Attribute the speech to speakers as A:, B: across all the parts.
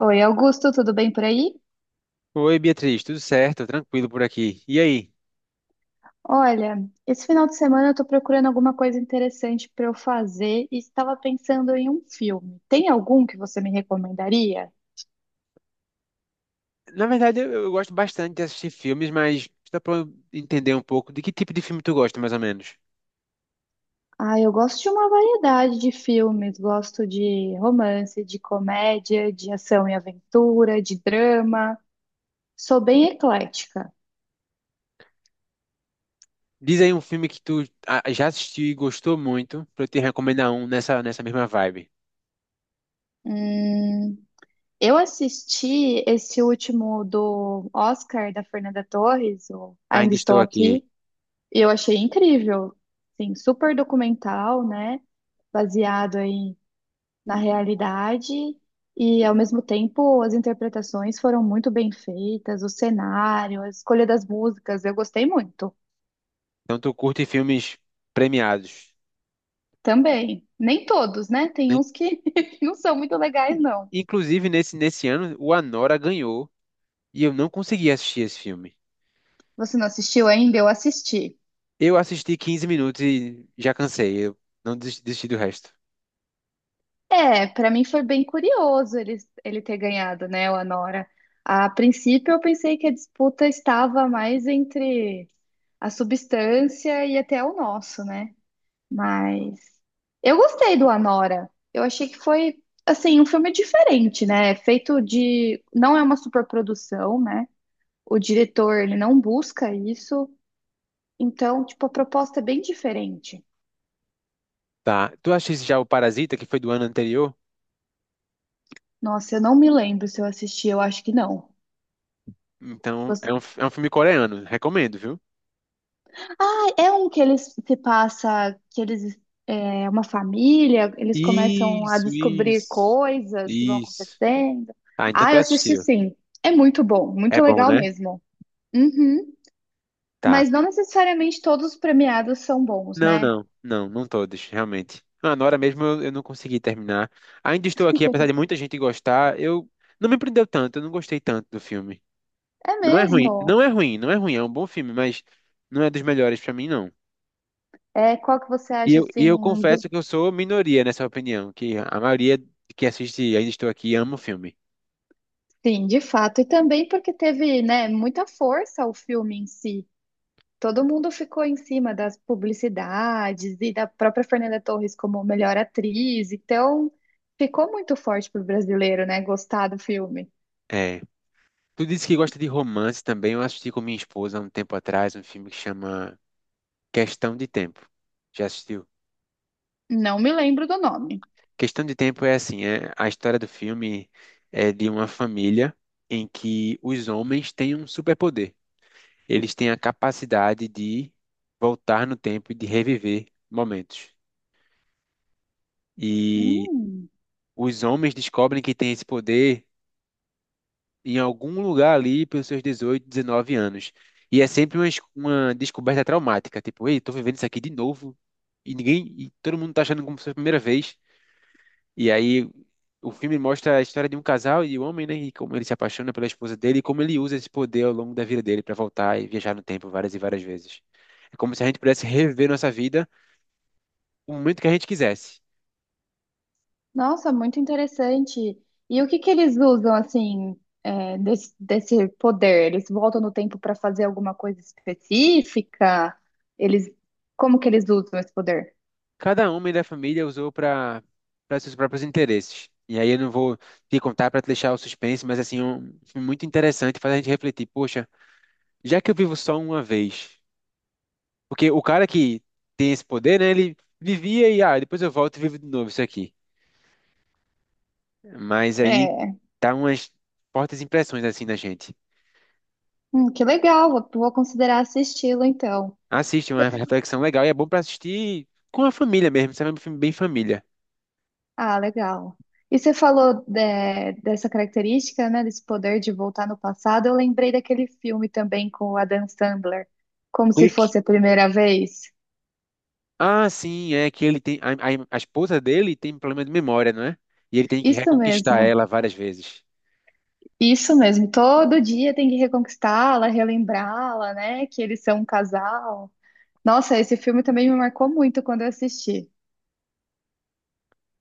A: Oi, Augusto, tudo bem por aí?
B: Oi, Beatriz, tudo certo? Tranquilo por aqui. E aí?
A: Olha, esse final de semana eu tô procurando alguma coisa interessante para eu fazer e estava pensando em um filme. Tem algum que você me recomendaria?
B: Na verdade, eu gosto bastante de assistir filmes, mas dá pra eu entender um pouco de que tipo de filme tu gosta, mais ou menos.
A: Ah, eu gosto de uma variedade de filmes. Gosto de romance, de comédia, de ação e aventura, de drama. Sou bem eclética.
B: Diz aí um filme que tu já assistiu e gostou muito, pra eu te recomendar um nessa mesma vibe.
A: Hum, eu assisti esse último do Oscar da Fernanda Torres, o Ainda
B: Ainda
A: Estou
B: estou aqui.
A: Aqui. E eu achei incrível, sim, super documental, né? Baseado aí na realidade e ao mesmo tempo as interpretações foram muito bem feitas, o cenário, a escolha das músicas, eu gostei muito.
B: Então, tu curte filmes premiados.
A: Também, nem todos, né? Tem
B: Né?
A: uns que não são muito legais, não.
B: Inclusive, nesse ano, o Anora ganhou e eu não consegui assistir esse filme.
A: Você não assistiu ainda? Eu assisti.
B: Eu assisti 15 minutos e já cansei. Eu não desisti do resto.
A: É, pra mim foi bem curioso ele, ele ter ganhado, né, o Anora. A princípio eu pensei que a disputa estava mais entre a substância e até o nosso, né? Mas eu gostei do Anora. Eu achei que foi assim um filme diferente, né? É feito de, não é uma superprodução, né? O diretor ele não busca isso, então tipo a proposta é bem diferente.
B: Tá. Tu assiste já o Parasita, que foi do ano anterior?
A: Nossa, eu não me lembro se eu assisti, eu acho que não.
B: Então, é um filme coreano. Recomendo, viu?
A: Ah, é um que eles se passa, que eles é uma família, eles começam a
B: Isso,
A: descobrir
B: isso.
A: coisas que vão
B: Isso.
A: acontecendo.
B: Ah, então
A: Ah,
B: tu
A: eu assisti
B: assistiu.
A: sim. É muito bom,
B: É
A: muito
B: bom,
A: legal
B: né?
A: mesmo. Uhum.
B: Tá.
A: Mas não necessariamente todos os premiados são bons,
B: Não,
A: né?
B: não, não, não todos, realmente. Ah, na hora mesmo eu não consegui terminar. Ainda estou aqui, apesar de muita gente gostar, eu não me prendeu tanto, eu não gostei tanto do filme.
A: É
B: Não é ruim,
A: mesmo.
B: não é ruim, não é ruim, é um bom filme, mas não é dos melhores pra mim, não.
A: É, qual que você
B: E
A: acha
B: eu, e
A: assim
B: eu
A: do...
B: confesso que eu sou minoria nessa opinião, que a maioria que assiste Ainda Estou Aqui ama o filme.
A: Sim, de fato. E também porque teve, né, muita força o filme em si. Todo mundo ficou em cima das publicidades e da própria Fernanda Torres como melhor atriz, então ficou muito forte pro brasileiro, né? Gostar do filme.
B: É. Tu disse que gosta de romance também. Eu assisti com minha esposa há um tempo atrás um filme que chama Questão de Tempo. Já assistiu?
A: Não me lembro do nome.
B: Questão de Tempo é assim, é a história do filme é de uma família em que os homens têm um superpoder. Eles têm a capacidade de voltar no tempo e de reviver momentos. E
A: Hum,
B: os homens descobrem que têm esse poder em algum lugar ali pelos seus 18, 19 anos. E é sempre uma descoberta traumática, tipo, ei, tô vivendo isso aqui de novo, e ninguém, e todo mundo tá achando como se fosse a primeira vez. E aí o filme mostra a história de um casal e o homem, né, e como ele se apaixona pela esposa dele e como ele usa esse poder ao longo da vida dele para voltar e viajar no tempo várias e várias vezes. É como se a gente pudesse reviver nossa vida no momento que a gente quisesse.
A: nossa, muito interessante. E o que que eles usam assim é, desse poder? Eles voltam no tempo para fazer alguma coisa específica? Eles, como que eles usam esse poder?
B: Cada homem da família usou para seus próprios interesses. E aí eu não vou te contar para te deixar o suspense, mas assim, um filme muito interessante, faz a gente refletir, poxa, já que eu vivo só uma vez, porque o cara que tem esse poder, né, ele vivia e depois eu volto e vivo de novo isso aqui. Mas aí
A: É,
B: dá umas fortes impressões assim na gente.
A: que legal. Vou considerar esse estilo então.
B: Assiste, é uma reflexão legal e é bom para assistir com a família mesmo, sabe? É um filme bem família.
A: Ah, legal. E você falou dessa característica, né, desse poder de voltar no passado. Eu lembrei daquele filme também com o Adam Sandler, como se
B: Clique.
A: fosse a primeira vez.
B: Ah, sim, é que ele tem. A esposa dele tem problema de memória, não é? E ele tem que
A: Isso
B: reconquistar
A: mesmo,
B: ela várias vezes.
A: isso mesmo. Todo dia tem que reconquistá-la, relembrá-la, né, que eles são um casal. Nossa, esse filme também me marcou muito quando eu assisti.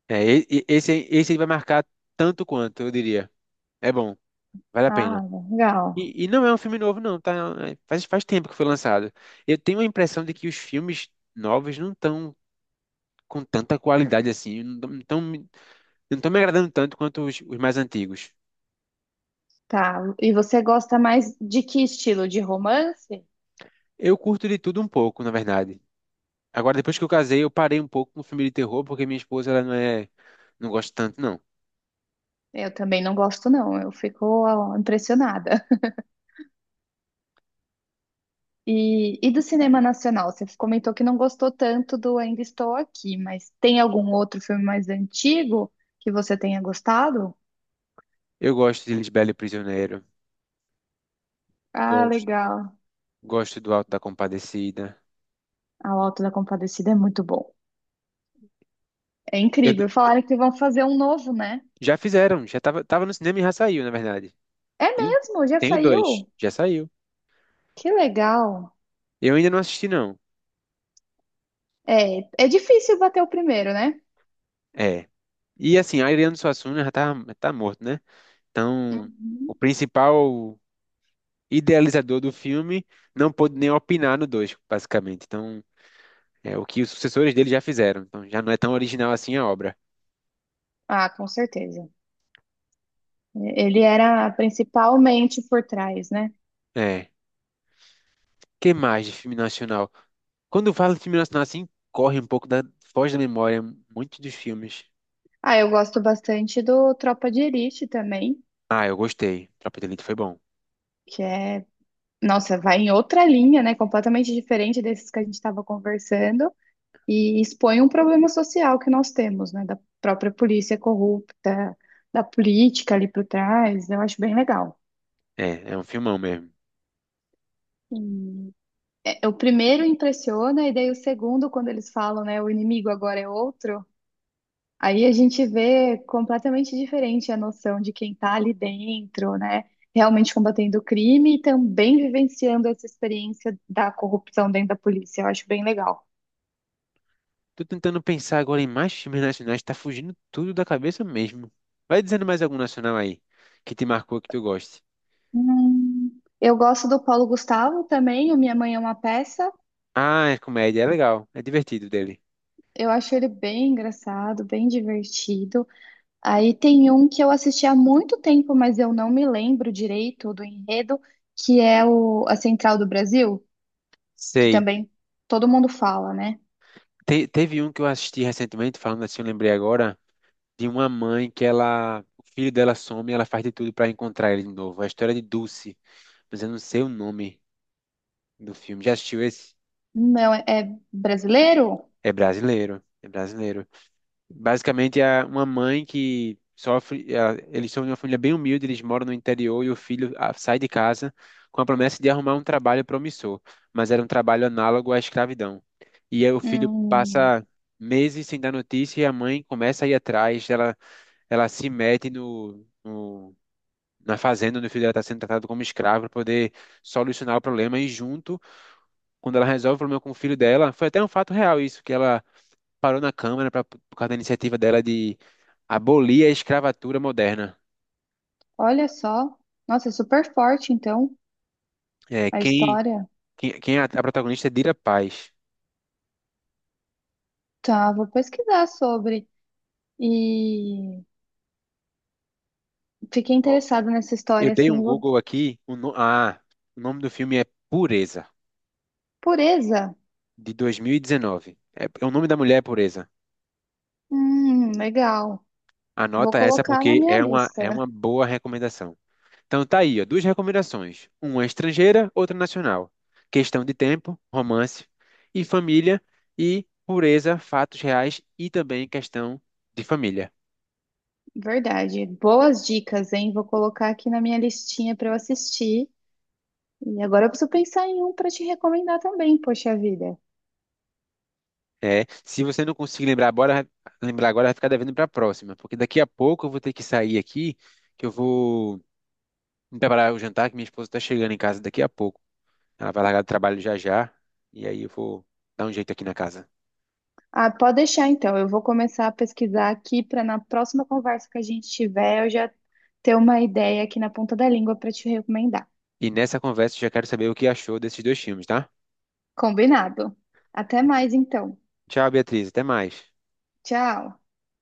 B: É, esse vai marcar tanto quanto, eu diria. É bom, vale a
A: Ah,
B: pena.
A: legal.
B: E não é um filme novo, não, tá? É, faz tempo que foi lançado. Eu tenho a impressão de que os filmes novos não estão com tanta qualidade assim, não tão me agradando tanto quanto os mais antigos.
A: Tá. E você gosta mais de que estilo? De romance?
B: Eu curto de tudo um pouco, na verdade. Agora, depois que eu casei, eu parei um pouco com filme de terror, porque minha esposa, ela não é, não gosta tanto, não.
A: Eu também não gosto, não. Eu fico ó, impressionada. E do cinema nacional? Você comentou que não gostou tanto do Ainda Estou Aqui, mas tem algum outro filme mais antigo que você tenha gostado?
B: Eu gosto de Lisbela e o Prisioneiro,
A: Ah,
B: gosto,
A: legal.
B: gosto do Alto da Compadecida.
A: A O Auto da Compadecida é muito bom. É
B: Eu-
A: incrível. Falaram que vão fazer um novo, né?
B: Já fizeram, tava no cinema e já saiu, na verdade.
A: É
B: Tem
A: mesmo? Já
B: Tem o dois,
A: saiu?
B: já saiu.
A: Que legal.
B: Eu ainda não assisti, não.
A: É, é difícil bater o primeiro, né?
B: É. E assim, Ariano Suassuna tá morto, né? Então, o
A: Uhum.
B: principal idealizador do filme não pôde nem opinar no dois, basicamente. Então, é o que os sucessores dele já fizeram. Então, já não é tão original assim a obra.
A: Ah, com certeza. Ele era principalmente por trás, né?
B: É. Que mais de filme nacional? Quando eu falo de filme nacional, assim, corre um pouco da, foge da memória muitos dos filmes.
A: Ah, eu gosto bastante do Tropa de Elite também,
B: Ah, eu gostei. Tropa de Elite foi bom.
A: que é, nossa, vai em outra linha, né? Completamente diferente desses que a gente estava conversando e expõe um problema social que nós temos, né? Da própria polícia corrupta, da política ali por trás. Eu acho bem legal.
B: É, é um filmão mesmo.
A: E, é, o primeiro impressiona e daí o segundo, quando eles falam, né? O inimigo agora é outro. Aí a gente vê completamente diferente a noção de quem está ali dentro, né? Realmente combatendo o crime e também vivenciando essa experiência da corrupção dentro da polícia. Eu acho bem legal.
B: Tô tentando pensar agora em mais filmes nacionais, tá fugindo tudo da cabeça mesmo. Vai dizendo mais algum nacional aí, que te marcou, que tu goste.
A: Eu gosto do Paulo Gustavo também, o Minha Mãe é uma Peça.
B: Ah, é comédia, é legal, é divertido dele.
A: Eu acho ele bem engraçado, bem divertido. Aí tem um que eu assisti há muito tempo, mas eu não me lembro direito do enredo, que é o A Central do Brasil, que
B: Sei.
A: também todo mundo fala, né?
B: Teve um que eu assisti recentemente, falando assim, eu lembrei agora, de uma mãe que ela, o filho dela some e ela faz de tudo pra encontrar ele de novo. A história de Dulce, mas eu não sei o nome do filme. Já assistiu esse?
A: Não, é, é brasileiro?
B: É brasileiro, é brasileiro. Basicamente é uma mãe que sofre, eles são de uma família bem humilde, eles moram no interior e o filho sai de casa com a promessa de arrumar um trabalho promissor, mas era um trabalho análogo à escravidão. E aí o filho
A: Hum,
B: passa meses sem dar notícia e a mãe começa a ir atrás, ela se mete no, no na fazenda onde o filho dela está sendo tratado como escravo para poder solucionar o problema e junto, quando ela resolve o problema com o filho dela, foi até um fato real isso, que ela parou na Câmara pra, por causa da iniciativa dela de abolir a escravatura moderna.
A: olha só. Nossa, é super forte, então,
B: É,
A: a história.
B: quem é a protagonista é Dira Paz.
A: Tá, vou pesquisar sobre. E fiquei
B: Ó,
A: interessada nessa
B: eu
A: história,
B: dei
A: assim,
B: um
A: vou
B: Google aqui, o, no- ah, o nome do filme é Pureza,
A: Pureza?
B: de 2019. É, o nome da mulher é Pureza.
A: Legal. Vou
B: Anota essa
A: colocar na
B: porque
A: minha
B: é uma
A: lista.
B: boa recomendação. Então tá aí, ó, duas recomendações. Uma estrangeira, outra nacional. Questão de tempo, romance e família e pureza, fatos reais e também questão de família.
A: Verdade. Boas dicas, hein? Vou colocar aqui na minha listinha para eu assistir. E agora eu preciso pensar em um para te recomendar também, poxa vida.
B: É, se você não conseguir lembrar agora vai ficar devendo para a próxima, porque daqui a pouco eu vou ter que sair aqui, que eu vou me preparar o jantar, que minha esposa está chegando em casa daqui a pouco. Ela vai largar do trabalho já já, e aí eu vou dar um jeito aqui na casa.
A: Ah, pode deixar então. Eu vou começar a pesquisar aqui para na próxima conversa que a gente tiver, eu já ter uma ideia aqui na ponta da língua para te recomendar.
B: E nessa conversa eu já quero saber o que achou desses dois filmes, tá?
A: Combinado. Até mais então.
B: Tchau, Beatriz, até mais.
A: Tchau.